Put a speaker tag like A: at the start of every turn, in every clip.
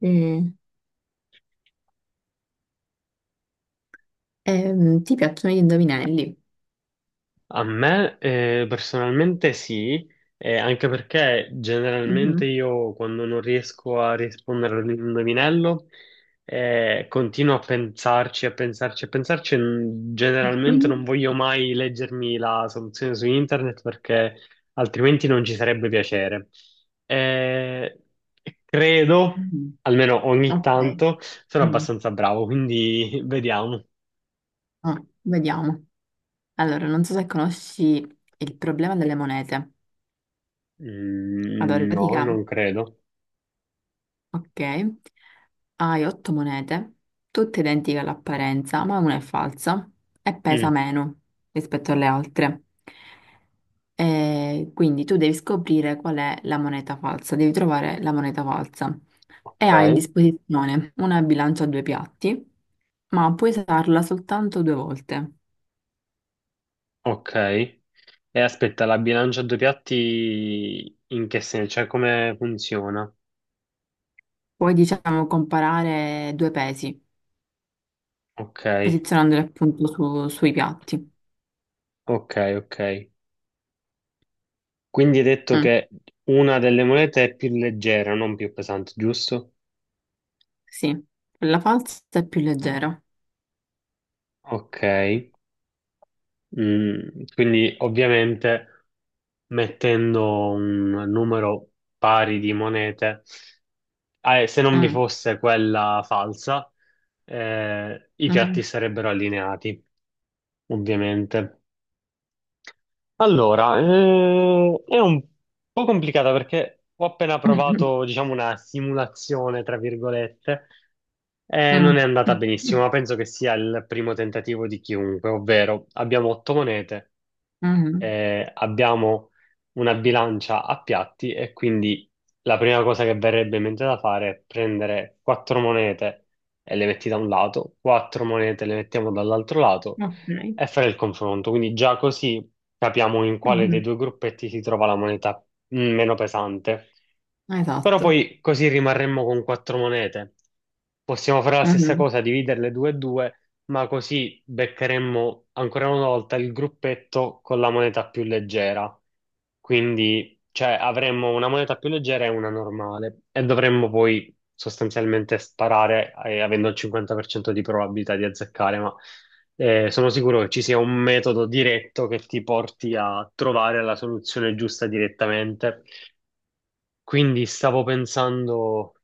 A: Mm. Ti piacciono gli indovinelli?
B: A me personalmente sì, anche perché generalmente
A: Mhm.
B: io quando non riesco a rispondere all'indovinello continuo a pensarci, a pensarci, a pensarci. Generalmente
A: Mhm.
B: non voglio mai leggermi la soluzione su internet perché altrimenti non ci sarebbe piacere. Eh, Credo,
A: Mhm.
B: almeno ogni
A: Ok.
B: tanto, sono
A: Mm.
B: abbastanza bravo, quindi vediamo.
A: Oh, vediamo. Allora, non so se conosci il problema delle monete. Allora, in
B: Mm, no,
A: pratica,
B: non credo.
A: ok, hai 8 monete, tutte identiche all'apparenza, ma una è falsa e pesa
B: Mm.
A: meno rispetto alle altre. E quindi tu devi scoprire qual è la moneta falsa, devi trovare la moneta falsa. E
B: Ok,
A: hai a disposizione una bilancia a 2 piatti, ma puoi usarla soltanto 2 volte.
B: ok. E aspetta, la bilancia a due piatti in che senso? Cioè, come funziona?
A: Puoi, diciamo, comparare 2 pesi,
B: Ok,
A: posizionandoli appunto sui piatti.
B: ok. Quindi hai detto
A: Mm,
B: che una delle monete è più leggera, non più pesante, giusto?
A: sì, quella falsa è più leggera.
B: Ok. Mm, quindi ovviamente mettendo un numero pari di monete, ah, e se non vi
A: Ah,
B: fosse quella falsa, i
A: ah,
B: piatti sarebbero allineati, ovviamente. Allora, è un po' complicata perché ho appena
A: ah,
B: provato, diciamo, una simulazione, tra virgolette, e
A: ah,
B: non è andata benissimo, ma penso che sia il primo tentativo di chiunque, ovvero abbiamo otto monete, abbiamo una bilancia a piatti e quindi la prima cosa che verrebbe in mente da fare è prendere quattro monete e le metti da un lato, quattro monete le mettiamo dall'altro lato
A: ah, ok.
B: e fare il confronto. Quindi già così capiamo in quale dei
A: Mhm.
B: due gruppetti si trova la moneta, meno pesante. Però
A: Esatto.
B: poi così rimarremmo con quattro monete. Possiamo fare la stessa
A: Mhm.
B: cosa, dividerle due e due, ma così beccheremmo ancora una volta il gruppetto con la moneta più leggera. Quindi, cioè, avremmo una moneta più leggera e una normale e dovremmo poi sostanzialmente sparare, avendo il 50% di probabilità di azzeccare, ma sono sicuro che ci sia un metodo diretto che ti porti a trovare la soluzione giusta direttamente. Quindi stavo pensando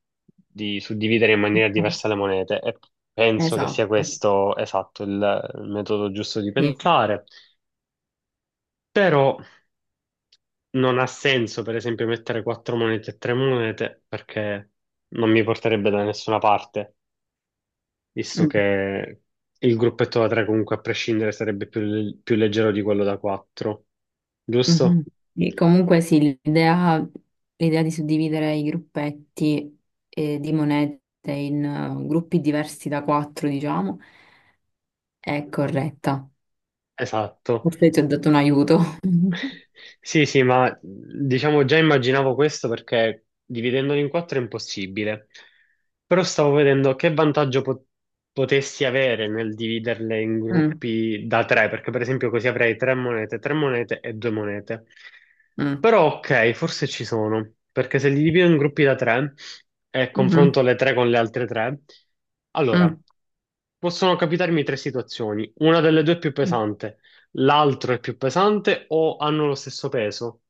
B: di suddividere in maniera diversa le monete e penso che sia
A: Esatto.
B: questo esatto il metodo giusto di
A: Sì.
B: pensare, però non ha senso per esempio mettere quattro monete e tre monete perché non mi porterebbe da nessuna parte, visto
A: Mm,
B: che il gruppetto da tre comunque a prescindere sarebbe più leggero di quello da quattro,
A: mhm.
B: giusto?
A: Sì, comunque sì, l'idea di suddividere i gruppetti di monete in gruppi diversi da 4, diciamo, è corretta.
B: Esatto.
A: Forse ti ho dato un aiuto.
B: Sì, sì, ma diciamo già immaginavo questo perché dividendolo in quattro è impossibile. Però stavo vedendo che vantaggio potessi avere nel dividerle in
A: Mm,
B: gruppi da tre, perché per esempio così avrei tre monete e due monete.
A: mm,
B: Però ok, forse ci sono, perché se li divido in gruppi da tre e
A: mhm,
B: confronto le tre con le altre tre, allora
A: mm,
B: possono capitarmi tre situazioni, una delle due è più pesante, l'altro è più pesante o hanno lo stesso peso.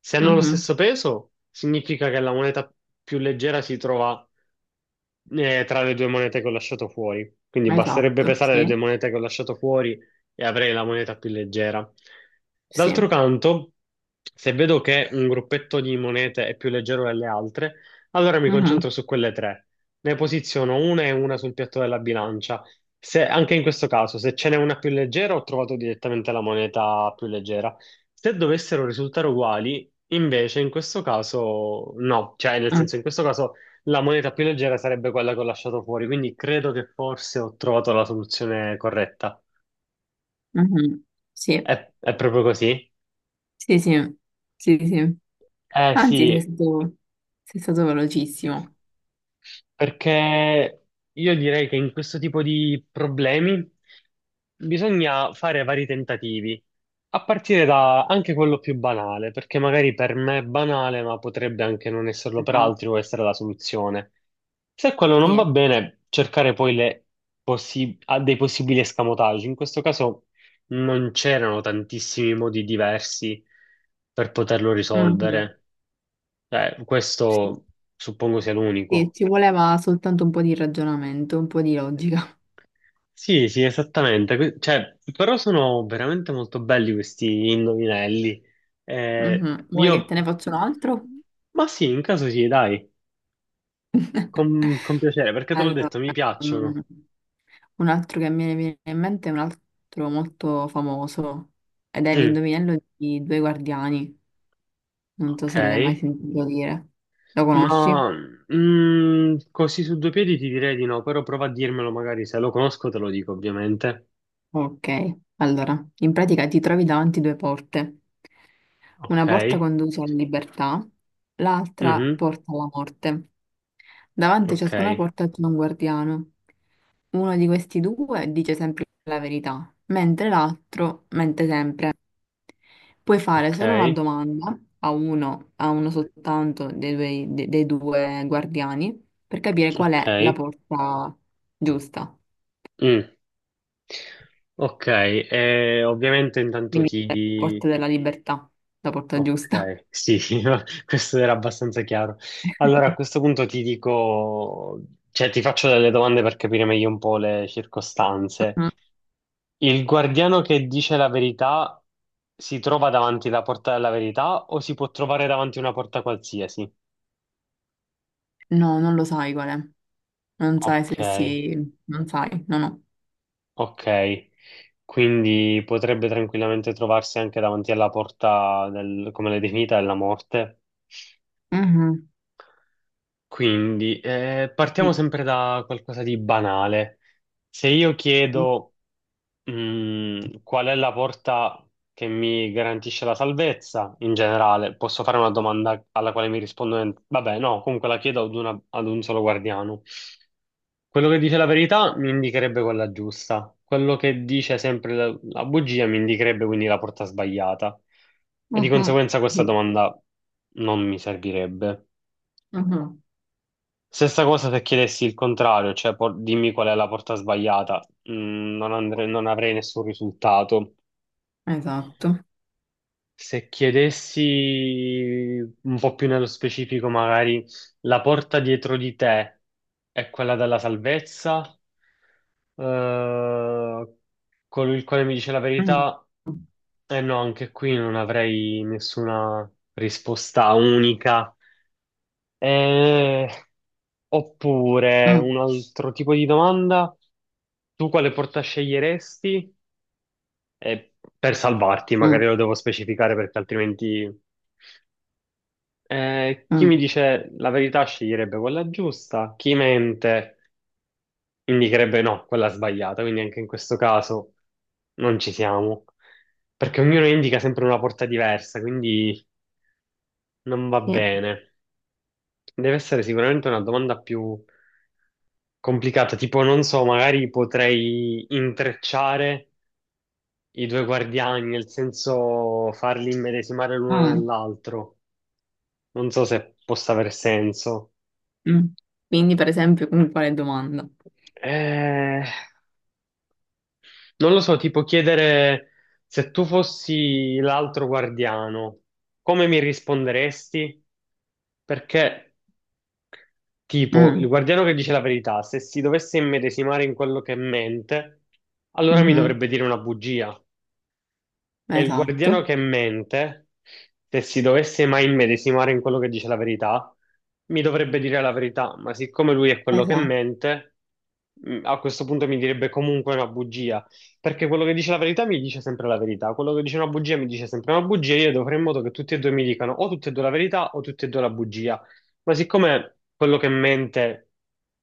B: Se hanno lo
A: mhm.
B: stesso peso, significa che la moneta più leggera si trova tra le due monete che ho lasciato fuori. Quindi basterebbe
A: Esatto,
B: pesare le due
A: sì,
B: monete che ho lasciato fuori e avrei la moneta più leggera.
A: sì.
B: D'altro canto, se vedo che un gruppetto di monete è più leggero delle altre, allora mi
A: Mm-hmm.
B: concentro su quelle tre. Ne posiziono una e una sul piatto della bilancia. Anche in questo caso, se ce n'è una più leggera, ho trovato direttamente la moneta più leggera. Se dovessero risultare uguali, invece, in questo caso, no. Cioè, nel
A: Mm.
B: senso, in questo caso. La moneta più leggera sarebbe quella che ho lasciato fuori, quindi credo che forse ho trovato la soluzione corretta.
A: Mhm. Sì,
B: È proprio così?
A: sì, sì, sì, sì.
B: Eh
A: Anzi, sei
B: sì.
A: stato, sei stato velocissimo.
B: Perché io direi che in questo tipo di problemi bisogna fare vari tentativi, a partire da anche quello più banale, perché magari per me è banale, ma potrebbe anche non esserlo per
A: Esatto,
B: altri o essere la soluzione. Se quello non va
A: sì.
B: bene, cercare poi le possi- a dei possibili escamotaggi. In questo caso non c'erano tantissimi modi diversi per poterlo
A: Mhm.
B: risolvere. Cioè,
A: Sì.
B: questo suppongo sia
A: Sì,
B: l'unico.
A: ci voleva soltanto un po' di ragionamento, un po' di logica.
B: Sì, sì, esattamente. Cioè, però sono veramente molto belli questi indovinelli.
A: Mhm. Vuoi che
B: Io...
A: te ne faccia un altro?
B: Ma sì, in caso sì, dai, con piacere, perché te l'ho
A: Allora,
B: detto, mi
A: mm,
B: piacciono.
A: un altro che mi viene in mente è un altro molto famoso ed è
B: Mm,
A: l'indovinello di Due Guardiani. Non so se l'hai mai
B: ok,
A: sentito dire. Lo conosci?
B: ma mm, così su due piedi ti direi di no, però prova a dirmelo magari, se lo conosco te lo dico ovviamente.
A: Ok, allora, in pratica ti trovi davanti 2 porte. Una
B: Ok,
A: porta conduce alla libertà, l'altra
B: mhm,
A: porta alla morte. Davanti a
B: ok,
A: ciascuna porta c'è un guardiano. Uno di questi due dice sempre la verità, mentre l'altro mente sempre. Puoi fare solo una
B: ok,
A: domanda a uno, soltanto dei due guardiani per capire qual è la
B: ok.
A: porta giusta.
B: Mm. Ok, ovviamente intanto
A: Quindi la
B: ti...
A: porta della libertà, la porta giusta.
B: Ok, sì, no, questo era abbastanza chiaro. Allora, a questo punto ti dico, cioè ti faccio delle domande per capire meglio un po' le circostanze. Il guardiano che dice la verità si trova davanti alla porta della verità o si può trovare davanti a una porta qualsiasi?
A: No, non lo sai qual è. Non sai
B: Ok,
A: se si. Non sai, no, no.
B: ok. Quindi potrebbe tranquillamente trovarsi anche davanti alla porta del, come l'hai definita, della morte.
A: Mhm,
B: Quindi, partiamo
A: sì.
B: sempre da qualcosa di banale. Se io chiedo, qual è la porta che mi garantisce la salvezza, in generale, posso fare una domanda alla quale mi rispondono, vabbè, no, comunque la chiedo ad un solo guardiano. Quello che dice la verità mi indicherebbe quella giusta, quello che dice sempre la bugia mi indicherebbe quindi la porta sbagliata. E di
A: Mhm,
B: conseguenza questa
A: sì.
B: domanda non mi servirebbe.
A: Mhm,
B: Stessa cosa se chiedessi il contrario, cioè dimmi qual è la porta sbagliata. Mm, non avrei nessun risultato.
A: esatto.
B: Se chiedessi un po' più nello specifico, magari la porta dietro di te è quella della salvezza, Eh, colui il quale mi dice la
A: Mm,
B: verità, eh no, anche qui non avrei nessuna risposta unica. Eh, Oppure
A: mm,
B: un altro tipo di domanda, tu quale porta sceglieresti? Eh, per salvarti,
A: mm,
B: magari lo devo specificare perché altrimenti chi mi
A: mm,
B: dice la verità sceglierebbe quella giusta, chi mente indicherebbe no, quella sbagliata, quindi anche in questo caso non ci siamo, perché ognuno indica sempre una porta diversa, quindi non va
A: sì.
B: bene. Deve essere sicuramente una domanda più complicata, tipo non so, magari potrei intrecciare i due guardiani, nel senso farli immedesimare l'uno
A: Mm,
B: nell'altro. Non so se possa aver senso.
A: mm. Quindi, per esempio, con quale domanda?
B: Eh, Non lo so, tipo chiedere se tu fossi l'altro guardiano, come mi risponderesti? Perché, tipo, il
A: Mm,
B: guardiano che dice la verità, se si dovesse immedesimare in quello che mente, allora mi
A: mhm,
B: dovrebbe dire una bugia. E il guardiano
A: esatto,
B: che mente, se si dovesse mai immedesimare in quello che dice la verità, mi dovrebbe dire la verità, ma siccome lui è quello che
A: esatto,
B: mente, a questo punto mi direbbe comunque una bugia, perché quello che dice la verità mi dice sempre la verità, quello che dice una bugia mi dice sempre una bugia, io dovrei fare in modo che tutti e due mi dicano o tutte e due la verità o tutte e due la bugia, ma siccome quello che mente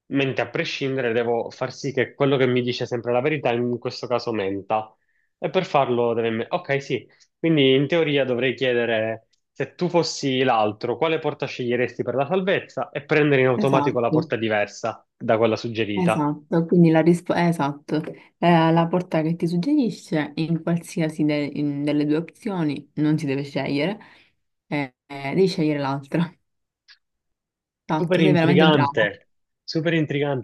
B: mente a prescindere, devo far sì che quello che mi dice sempre la verità, in questo caso menta. E per farlo deve... Ok, sì. Quindi in teoria dovrei chiedere se tu fossi l'altro, quale porta sceglieresti per la salvezza e prendere in automatico la
A: esatto.
B: porta diversa da quella suggerita.
A: Esatto, quindi la risposta esatto. La porta che ti suggerisce in qualsiasi delle 2 opzioni non si deve scegliere, devi scegliere l'altra. Esatto,
B: Super
A: sei veramente bravo.
B: intrigante, super intrigante